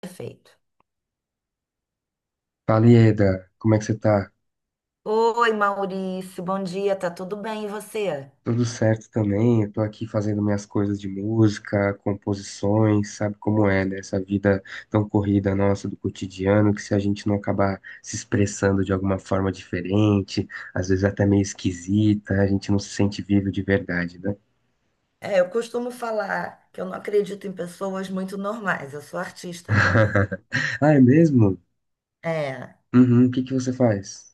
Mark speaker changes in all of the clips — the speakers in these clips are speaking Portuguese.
Speaker 1: Perfeito.
Speaker 2: Fala, Ieda, como é que você tá?
Speaker 1: Oi, Maurício, bom dia, tá tudo bem? E você?
Speaker 2: Tudo certo também, eu tô aqui fazendo minhas coisas de música, composições, sabe como é, né? Essa vida tão corrida nossa do cotidiano, que se a gente não acabar se expressando de alguma forma diferente, às vezes até meio esquisita, a gente não se sente vivo de verdade, né?
Speaker 1: É, eu costumo falar que eu não acredito em pessoas muito normais, eu sou artista também.
Speaker 2: Ah, é mesmo?
Speaker 1: É,
Speaker 2: Uhum, o que que você faz?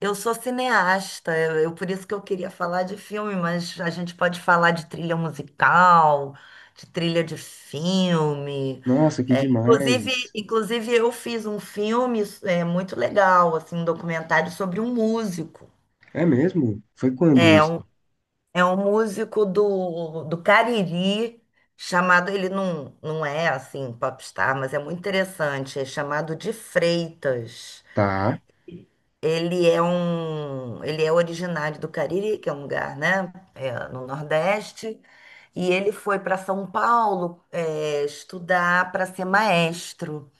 Speaker 1: eu sou cineasta, eu por isso que eu queria falar de filme, mas a gente pode falar de trilha musical, de trilha de filme.
Speaker 2: Nossa, que
Speaker 1: É, inclusive,
Speaker 2: demais!
Speaker 1: inclusive, eu fiz um filme muito legal, assim, um documentário sobre um músico.
Speaker 2: É mesmo? Foi quando
Speaker 1: É,
Speaker 2: isso?
Speaker 1: um, É um músico do Cariri, chamado, ele não é assim popstar, mas é muito interessante, é chamado de Freitas.
Speaker 2: Tá.
Speaker 1: Ele é originário do Cariri, que é um lugar, né, é, no Nordeste, e ele foi para São Paulo, é, estudar para ser maestro.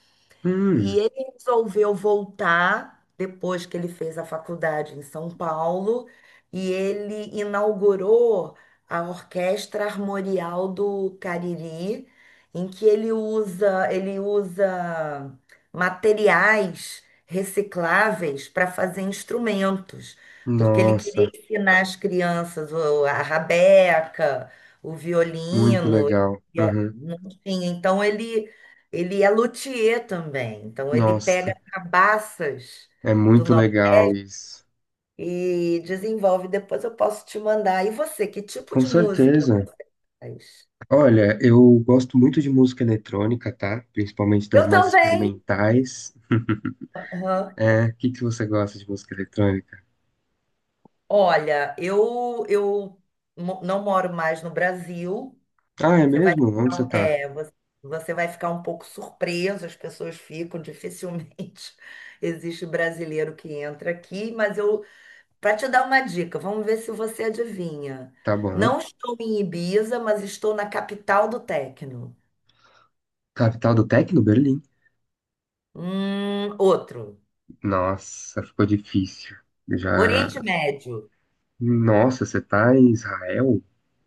Speaker 1: E
Speaker 2: Hum,
Speaker 1: ele resolveu voltar depois que ele fez a faculdade em São Paulo e ele inaugurou a Orquestra Armorial do Cariri, em que ele usa materiais recicláveis para fazer instrumentos, porque ele queria
Speaker 2: nossa,
Speaker 1: ensinar as crianças a rabeca, o
Speaker 2: muito
Speaker 1: violino,
Speaker 2: legal.
Speaker 1: e
Speaker 2: Uhum.
Speaker 1: não tinha. Então ele é luthier também, então ele pega
Speaker 2: Nossa,
Speaker 1: cabaças
Speaker 2: é
Speaker 1: do
Speaker 2: muito
Speaker 1: nosso
Speaker 2: legal isso.
Speaker 1: e desenvolve. Depois eu posso te mandar. E você, que tipo
Speaker 2: Com
Speaker 1: de música
Speaker 2: certeza.
Speaker 1: faz?
Speaker 2: Olha, eu gosto muito de música eletrônica, tá? Principalmente das
Speaker 1: Eu
Speaker 2: mais
Speaker 1: também.
Speaker 2: experimentais.
Speaker 1: Aham.
Speaker 2: É, o que que você gosta de música eletrônica?
Speaker 1: Olha, eu não moro mais no Brasil.
Speaker 2: Ah, é mesmo? Onde você tá?
Speaker 1: Você você vai ficar um pouco surpreso, as pessoas ficam dificilmente. Existe brasileiro que entra aqui, mas eu Para te dar uma dica, vamos ver se você adivinha.
Speaker 2: Tá bom.
Speaker 1: Não estou em Ibiza, mas estou na capital do techno.
Speaker 2: Capital do Tecno, Berlim.
Speaker 1: Outro.
Speaker 2: Nossa, ficou difícil. Já.
Speaker 1: Oriente Médio.
Speaker 2: Nossa, você tá em Israel?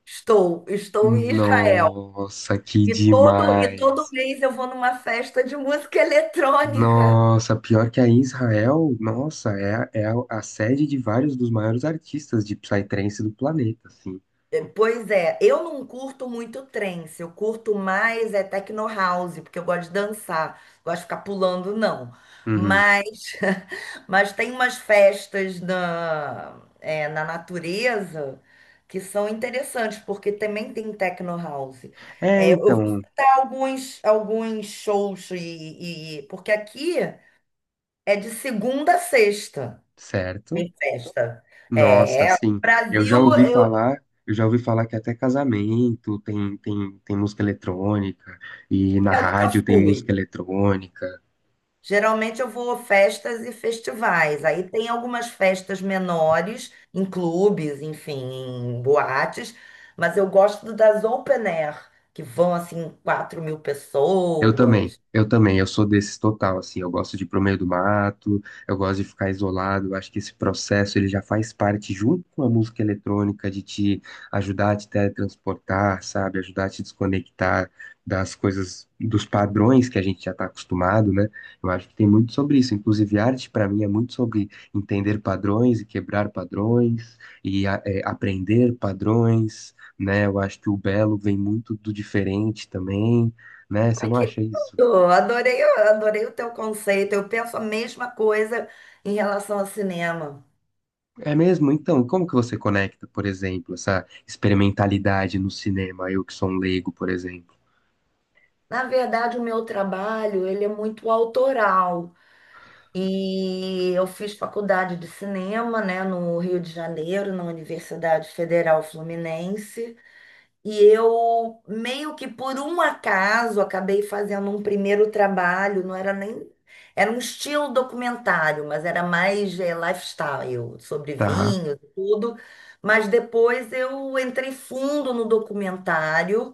Speaker 1: Estou em Israel.
Speaker 2: Nossa, que
Speaker 1: E todo
Speaker 2: demais.
Speaker 1: mês eu vou numa festa de música eletrônica.
Speaker 2: Nossa, pior que a Israel, nossa, é a sede de vários dos maiores artistas de psytrance do planeta, assim.
Speaker 1: É, pois é, eu não curto muito trance, eu curto mais é techno house, porque eu gosto de dançar, gosto de ficar pulando, não.
Speaker 2: Uhum.
Speaker 1: Mas, mas tem umas festas na, é, na natureza que são interessantes, porque também tem techno house.
Speaker 2: É,
Speaker 1: É, eu vou
Speaker 2: então,
Speaker 1: citar alguns shows, porque aqui é de segunda a sexta,
Speaker 2: certo.
Speaker 1: tem festa.
Speaker 2: Nossa,
Speaker 1: É,
Speaker 2: assim, eu
Speaker 1: Brasil
Speaker 2: já ouvi
Speaker 1: eu,
Speaker 2: falar, eu já ouvi falar que até casamento tem, tem música eletrônica, e na
Speaker 1: nunca
Speaker 2: rádio tem música
Speaker 1: fui.
Speaker 2: eletrônica.
Speaker 1: Geralmente eu vou a festas e festivais. Aí tem algumas festas menores, em clubes, enfim, em boates, mas eu gosto das open air, que vão assim 4.000
Speaker 2: Eu também,
Speaker 1: pessoas.
Speaker 2: eu também, eu sou desses total, assim, eu gosto de ir pro meio do mato, eu gosto de ficar isolado, eu acho que esse processo ele já faz parte junto com a música eletrônica de te ajudar a te teletransportar, sabe, ajudar a te desconectar das coisas, dos padrões que a gente já tá acostumado, né? Eu acho que tem muito sobre isso, inclusive arte para mim é muito sobre entender padrões e quebrar padrões aprender padrões, né? Eu acho que o belo vem muito do diferente também, né? Você
Speaker 1: Ai,
Speaker 2: não
Speaker 1: que
Speaker 2: acha isso?
Speaker 1: lindo! Adorei, adorei o teu conceito. Eu penso a mesma coisa em relação ao cinema.
Speaker 2: É mesmo? Então, como que você conecta, por exemplo, essa experimentalidade no cinema? Eu que sou um leigo, por exemplo.
Speaker 1: Na verdade, o meu trabalho, ele é muito autoral. E eu fiz faculdade de cinema, né, no Rio de Janeiro, na Universidade Federal Fluminense. E eu, meio que por um acaso, acabei fazendo um primeiro trabalho, não era nem. Era um estilo documentário, mas era mais lifestyle, sobre
Speaker 2: Tá.
Speaker 1: vinho, tudo. Mas depois eu entrei fundo no documentário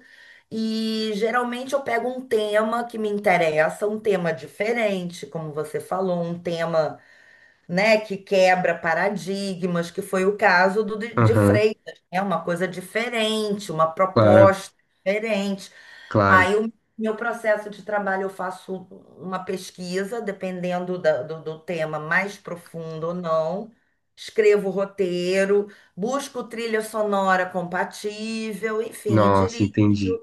Speaker 1: e geralmente eu pego um tema que me interessa, um tema diferente, como você falou, um tema, né, que quebra paradigmas, que foi o caso do de
Speaker 2: Aham.
Speaker 1: Freitas, é uma coisa diferente, uma
Speaker 2: Claro,
Speaker 1: proposta diferente.
Speaker 2: claro.
Speaker 1: Aí o meu processo de trabalho eu faço uma pesquisa, dependendo do tema mais profundo ou não. Escrevo o roteiro, busco trilha sonora compatível, enfim, e
Speaker 2: Nossa,
Speaker 1: dirijo.
Speaker 2: entendi.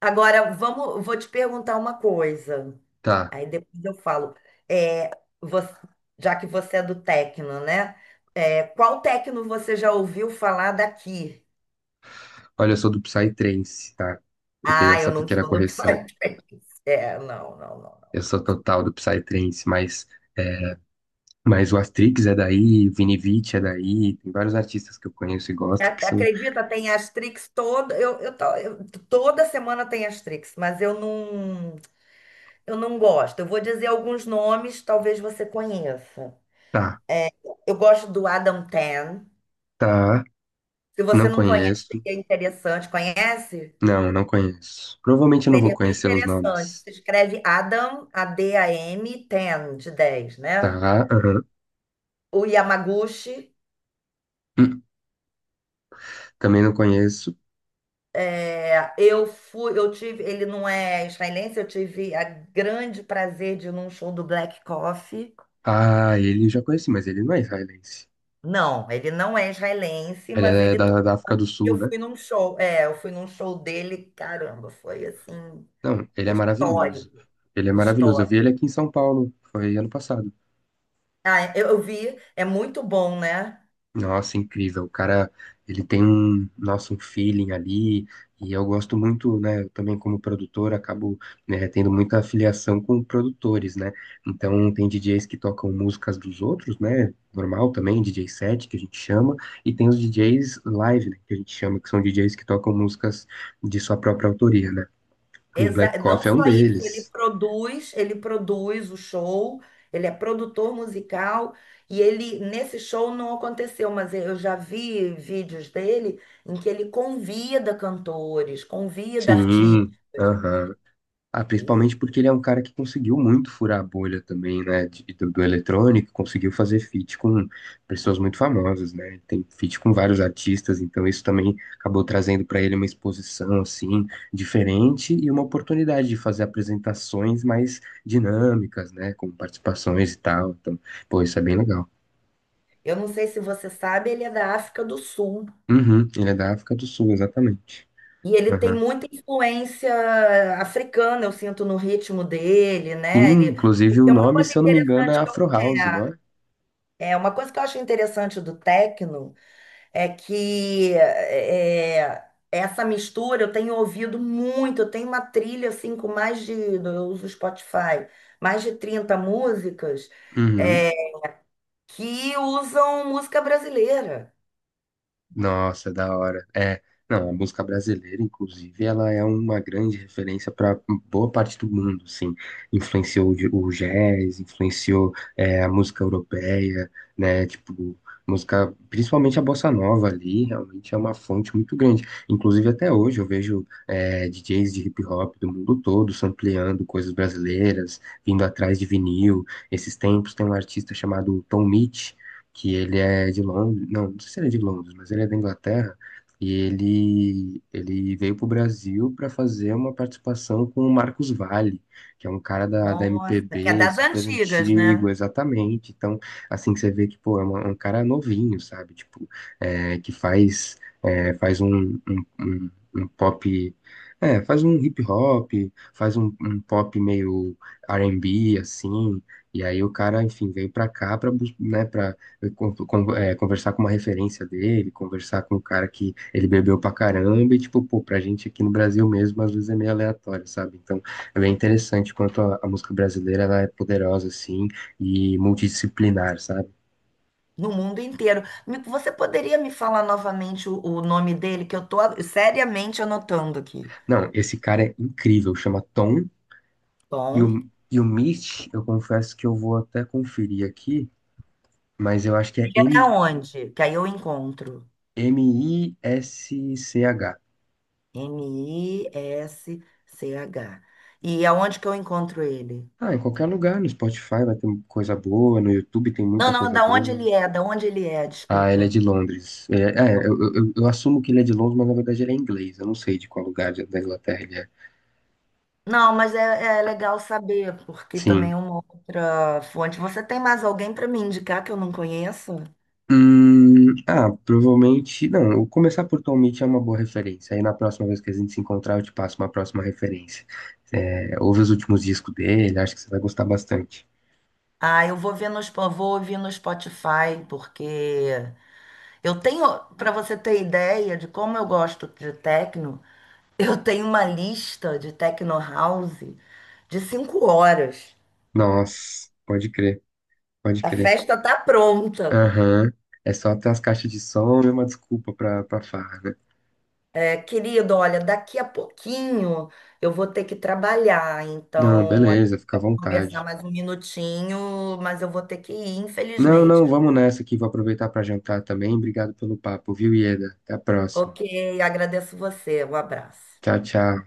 Speaker 1: Agora, vou te perguntar uma coisa.
Speaker 2: Tá.
Speaker 1: Aí depois eu falo, é, você- já que você é do techno, né? É, qual techno você já ouviu falar daqui?
Speaker 2: Olha, eu sou do Psytrance, tá? Eu tenho
Speaker 1: Ah, eu
Speaker 2: essa
Speaker 1: não
Speaker 2: pequena
Speaker 1: sou do
Speaker 2: correção.
Speaker 1: Psytrance. É, não, não, não.
Speaker 2: Eu sou total do Psytrance, mas o Astrix é daí, o Vini Vici é daí, tem vários artistas que eu conheço e gosto que são.
Speaker 1: Acredita, tem Astrix toda, toda semana tem Astrix, mas eu não gosto. Eu vou dizer alguns nomes, talvez você conheça.
Speaker 2: Tá,
Speaker 1: Eu gosto do Adam Tan.
Speaker 2: tá.
Speaker 1: Se você
Speaker 2: Não
Speaker 1: não conhece,
Speaker 2: conheço.
Speaker 1: é interessante. Conhece?
Speaker 2: Não, não conheço. Provavelmente eu não vou
Speaker 1: Seria bem
Speaker 2: conhecer os
Speaker 1: interessante.
Speaker 2: nomes.
Speaker 1: Se escreve Adam, Adam, 10, de 10,
Speaker 2: Tá,
Speaker 1: né?
Speaker 2: aham.
Speaker 1: O Yamaguchi,
Speaker 2: Hum, também não conheço.
Speaker 1: é, eu tive, ele não é israelense, eu tive a grande prazer de ir num show do Black Coffee.
Speaker 2: Ah, ele eu já conheci, mas ele não é israelense.
Speaker 1: Não, ele não é israelense,
Speaker 2: Ele
Speaker 1: mas
Speaker 2: é
Speaker 1: ele
Speaker 2: da,
Speaker 1: tocou,
Speaker 2: da África do Sul, né?
Speaker 1: eu fui num show dele, caramba, foi assim,
Speaker 2: Não, ele é maravilhoso.
Speaker 1: histórico,
Speaker 2: Ele é maravilhoso. Eu vi
Speaker 1: histórico.
Speaker 2: ele aqui em São Paulo, foi ano passado.
Speaker 1: Ah, eu vi, é muito bom, né?
Speaker 2: Nossa, incrível. O cara, ele tem um, nossa, um feeling ali, e eu gosto muito, né? Eu também, como produtor, acabo, né, tendo muita afiliação com produtores, né? Então, tem DJs que tocam músicas dos outros, né? Normal também, DJ set, que a gente chama, e tem os DJs live, né, que a gente chama, que são DJs que tocam músicas de sua própria autoria, né? E o Black
Speaker 1: Não
Speaker 2: Coffee é um
Speaker 1: só isso, ele
Speaker 2: deles.
Speaker 1: produz, ele produz o show, ele é produtor musical e ele nesse show não aconteceu, mas eu já vi vídeos dele em que ele convida cantores, convida
Speaker 2: Sim,
Speaker 1: artistas.
Speaker 2: aham. Ah, principalmente
Speaker 1: E
Speaker 2: porque ele é um cara que conseguiu muito furar a bolha também, né? Do, do eletrônico, conseguiu fazer feat com pessoas muito famosas, né? Ele tem feat com vários artistas, então isso também acabou trazendo para ele uma exposição, assim, diferente e uma oportunidade de fazer apresentações mais dinâmicas, né? Com participações e tal. Então, pô, isso é bem legal.
Speaker 1: eu não sei se você sabe, ele é da África do Sul
Speaker 2: Uhum, ele é da África do Sul, exatamente.
Speaker 1: e ele tem
Speaker 2: Aham.
Speaker 1: muita influência africana, eu sinto no ritmo dele,
Speaker 2: Sim,
Speaker 1: né? Ele,
Speaker 2: inclusive
Speaker 1: porque
Speaker 2: o
Speaker 1: é uma
Speaker 2: nome,
Speaker 1: coisa
Speaker 2: se eu não me engano, é
Speaker 1: interessante que eu,
Speaker 2: Afro
Speaker 1: é
Speaker 2: House, não é?
Speaker 1: é uma coisa que eu acho interessante do techno. É que é, essa mistura eu tenho ouvido muito. Eu tenho uma trilha assim com eu uso o Spotify, mais de 30 músicas
Speaker 2: Uhum.
Speaker 1: é, que usam música brasileira.
Speaker 2: Nossa, da hora. É, não, a música brasileira, inclusive, ela é uma grande referência para boa parte do mundo, assim. Influenciou o jazz, influenciou é, a música europeia, né? Tipo, música, principalmente a bossa nova ali, realmente é uma fonte muito grande. Inclusive, até hoje eu vejo é, DJs de hip hop do mundo todo sampleando coisas brasileiras, vindo atrás de vinil. Esses tempos tem um artista chamado Tom Mitch que ele é de Londres, não, não sei se ele é de Londres, mas ele é da Inglaterra, e ele veio para o Brasil para fazer uma participação com o Marcos Valle, que é um cara da, da
Speaker 1: Nossa, que é
Speaker 2: MPB
Speaker 1: das
Speaker 2: super
Speaker 1: antigas,
Speaker 2: antigo,
Speaker 1: né?
Speaker 2: exatamente. Então, assim, você vê que, pô, é um cara novinho, sabe? Tipo, é, que faz, é, faz um, um, um- um pop. É, faz um hip hop, faz um, um pop meio R&B, assim, e aí o cara, enfim, veio pra cá pra, né, conversar com uma referência dele, conversar com um cara que ele bebeu pra caramba, e tipo, pô, pra gente aqui no Brasil mesmo, às vezes é meio aleatório, sabe? Então, é bem interessante quanto a música brasileira, ela é poderosa, assim, e multidisciplinar, sabe?
Speaker 1: No mundo inteiro. Você poderia me falar novamente o nome dele, que eu tô seriamente anotando aqui.
Speaker 2: Não, esse cara é incrível, chama Tom, e
Speaker 1: Tom,
Speaker 2: o, e o Mitch, eu confesso que eu vou até conferir aqui, mas eu acho que é
Speaker 1: ele é da
Speaker 2: M,
Speaker 1: onde? Que aí eu encontro.
Speaker 2: MISCH.
Speaker 1: Misch. E aonde que eu encontro ele?
Speaker 2: Ah, em qualquer lugar, no Spotify vai ter coisa boa, no YouTube tem
Speaker 1: Não,
Speaker 2: muita
Speaker 1: não,
Speaker 2: coisa
Speaker 1: da onde ele
Speaker 2: boa.
Speaker 1: é, da onde ele é,
Speaker 2: Ah, ele é
Speaker 1: desculpa.
Speaker 2: de Londres. É, é,
Speaker 1: Bom,
Speaker 2: eu assumo que ele é de Londres, mas na verdade ele é inglês. Eu não sei de qual lugar da Inglaterra ele é.
Speaker 1: não, mas é, é legal saber, porque também
Speaker 2: Sim.
Speaker 1: é uma outra fonte. Você tem mais alguém para me indicar que eu não conheço?
Speaker 2: Ah, provavelmente. Não, eu começar por Tom Mitchell é uma boa referência. Aí na próxima vez que a gente se encontrar, eu te passo uma próxima referência. É, ouve os últimos discos dele, acho que você vai gostar bastante.
Speaker 1: Ah, eu vou ver no, vou ouvir no Spotify, porque eu tenho, para você ter ideia de como eu gosto de techno, eu tenho uma lista de techno house de 5 horas.
Speaker 2: Nossa, pode crer, pode
Speaker 1: A
Speaker 2: crer.
Speaker 1: festa tá pronta.
Speaker 2: Aham. É só ter as caixas de som e uma desculpa pra, pra farra, né?
Speaker 1: É, querido, olha, daqui a pouquinho eu vou ter que trabalhar,
Speaker 2: Não,
Speaker 1: então a gente
Speaker 2: beleza, fica à
Speaker 1: vai conversar
Speaker 2: vontade.
Speaker 1: mais um minutinho, mas eu vou ter que ir,
Speaker 2: Não,
Speaker 1: infelizmente.
Speaker 2: não, vamos nessa que vou aproveitar para jantar também. Obrigado pelo papo, viu, Ieda? Até a próxima.
Speaker 1: Ok, agradeço você, um abraço.
Speaker 2: Tchau, tchau.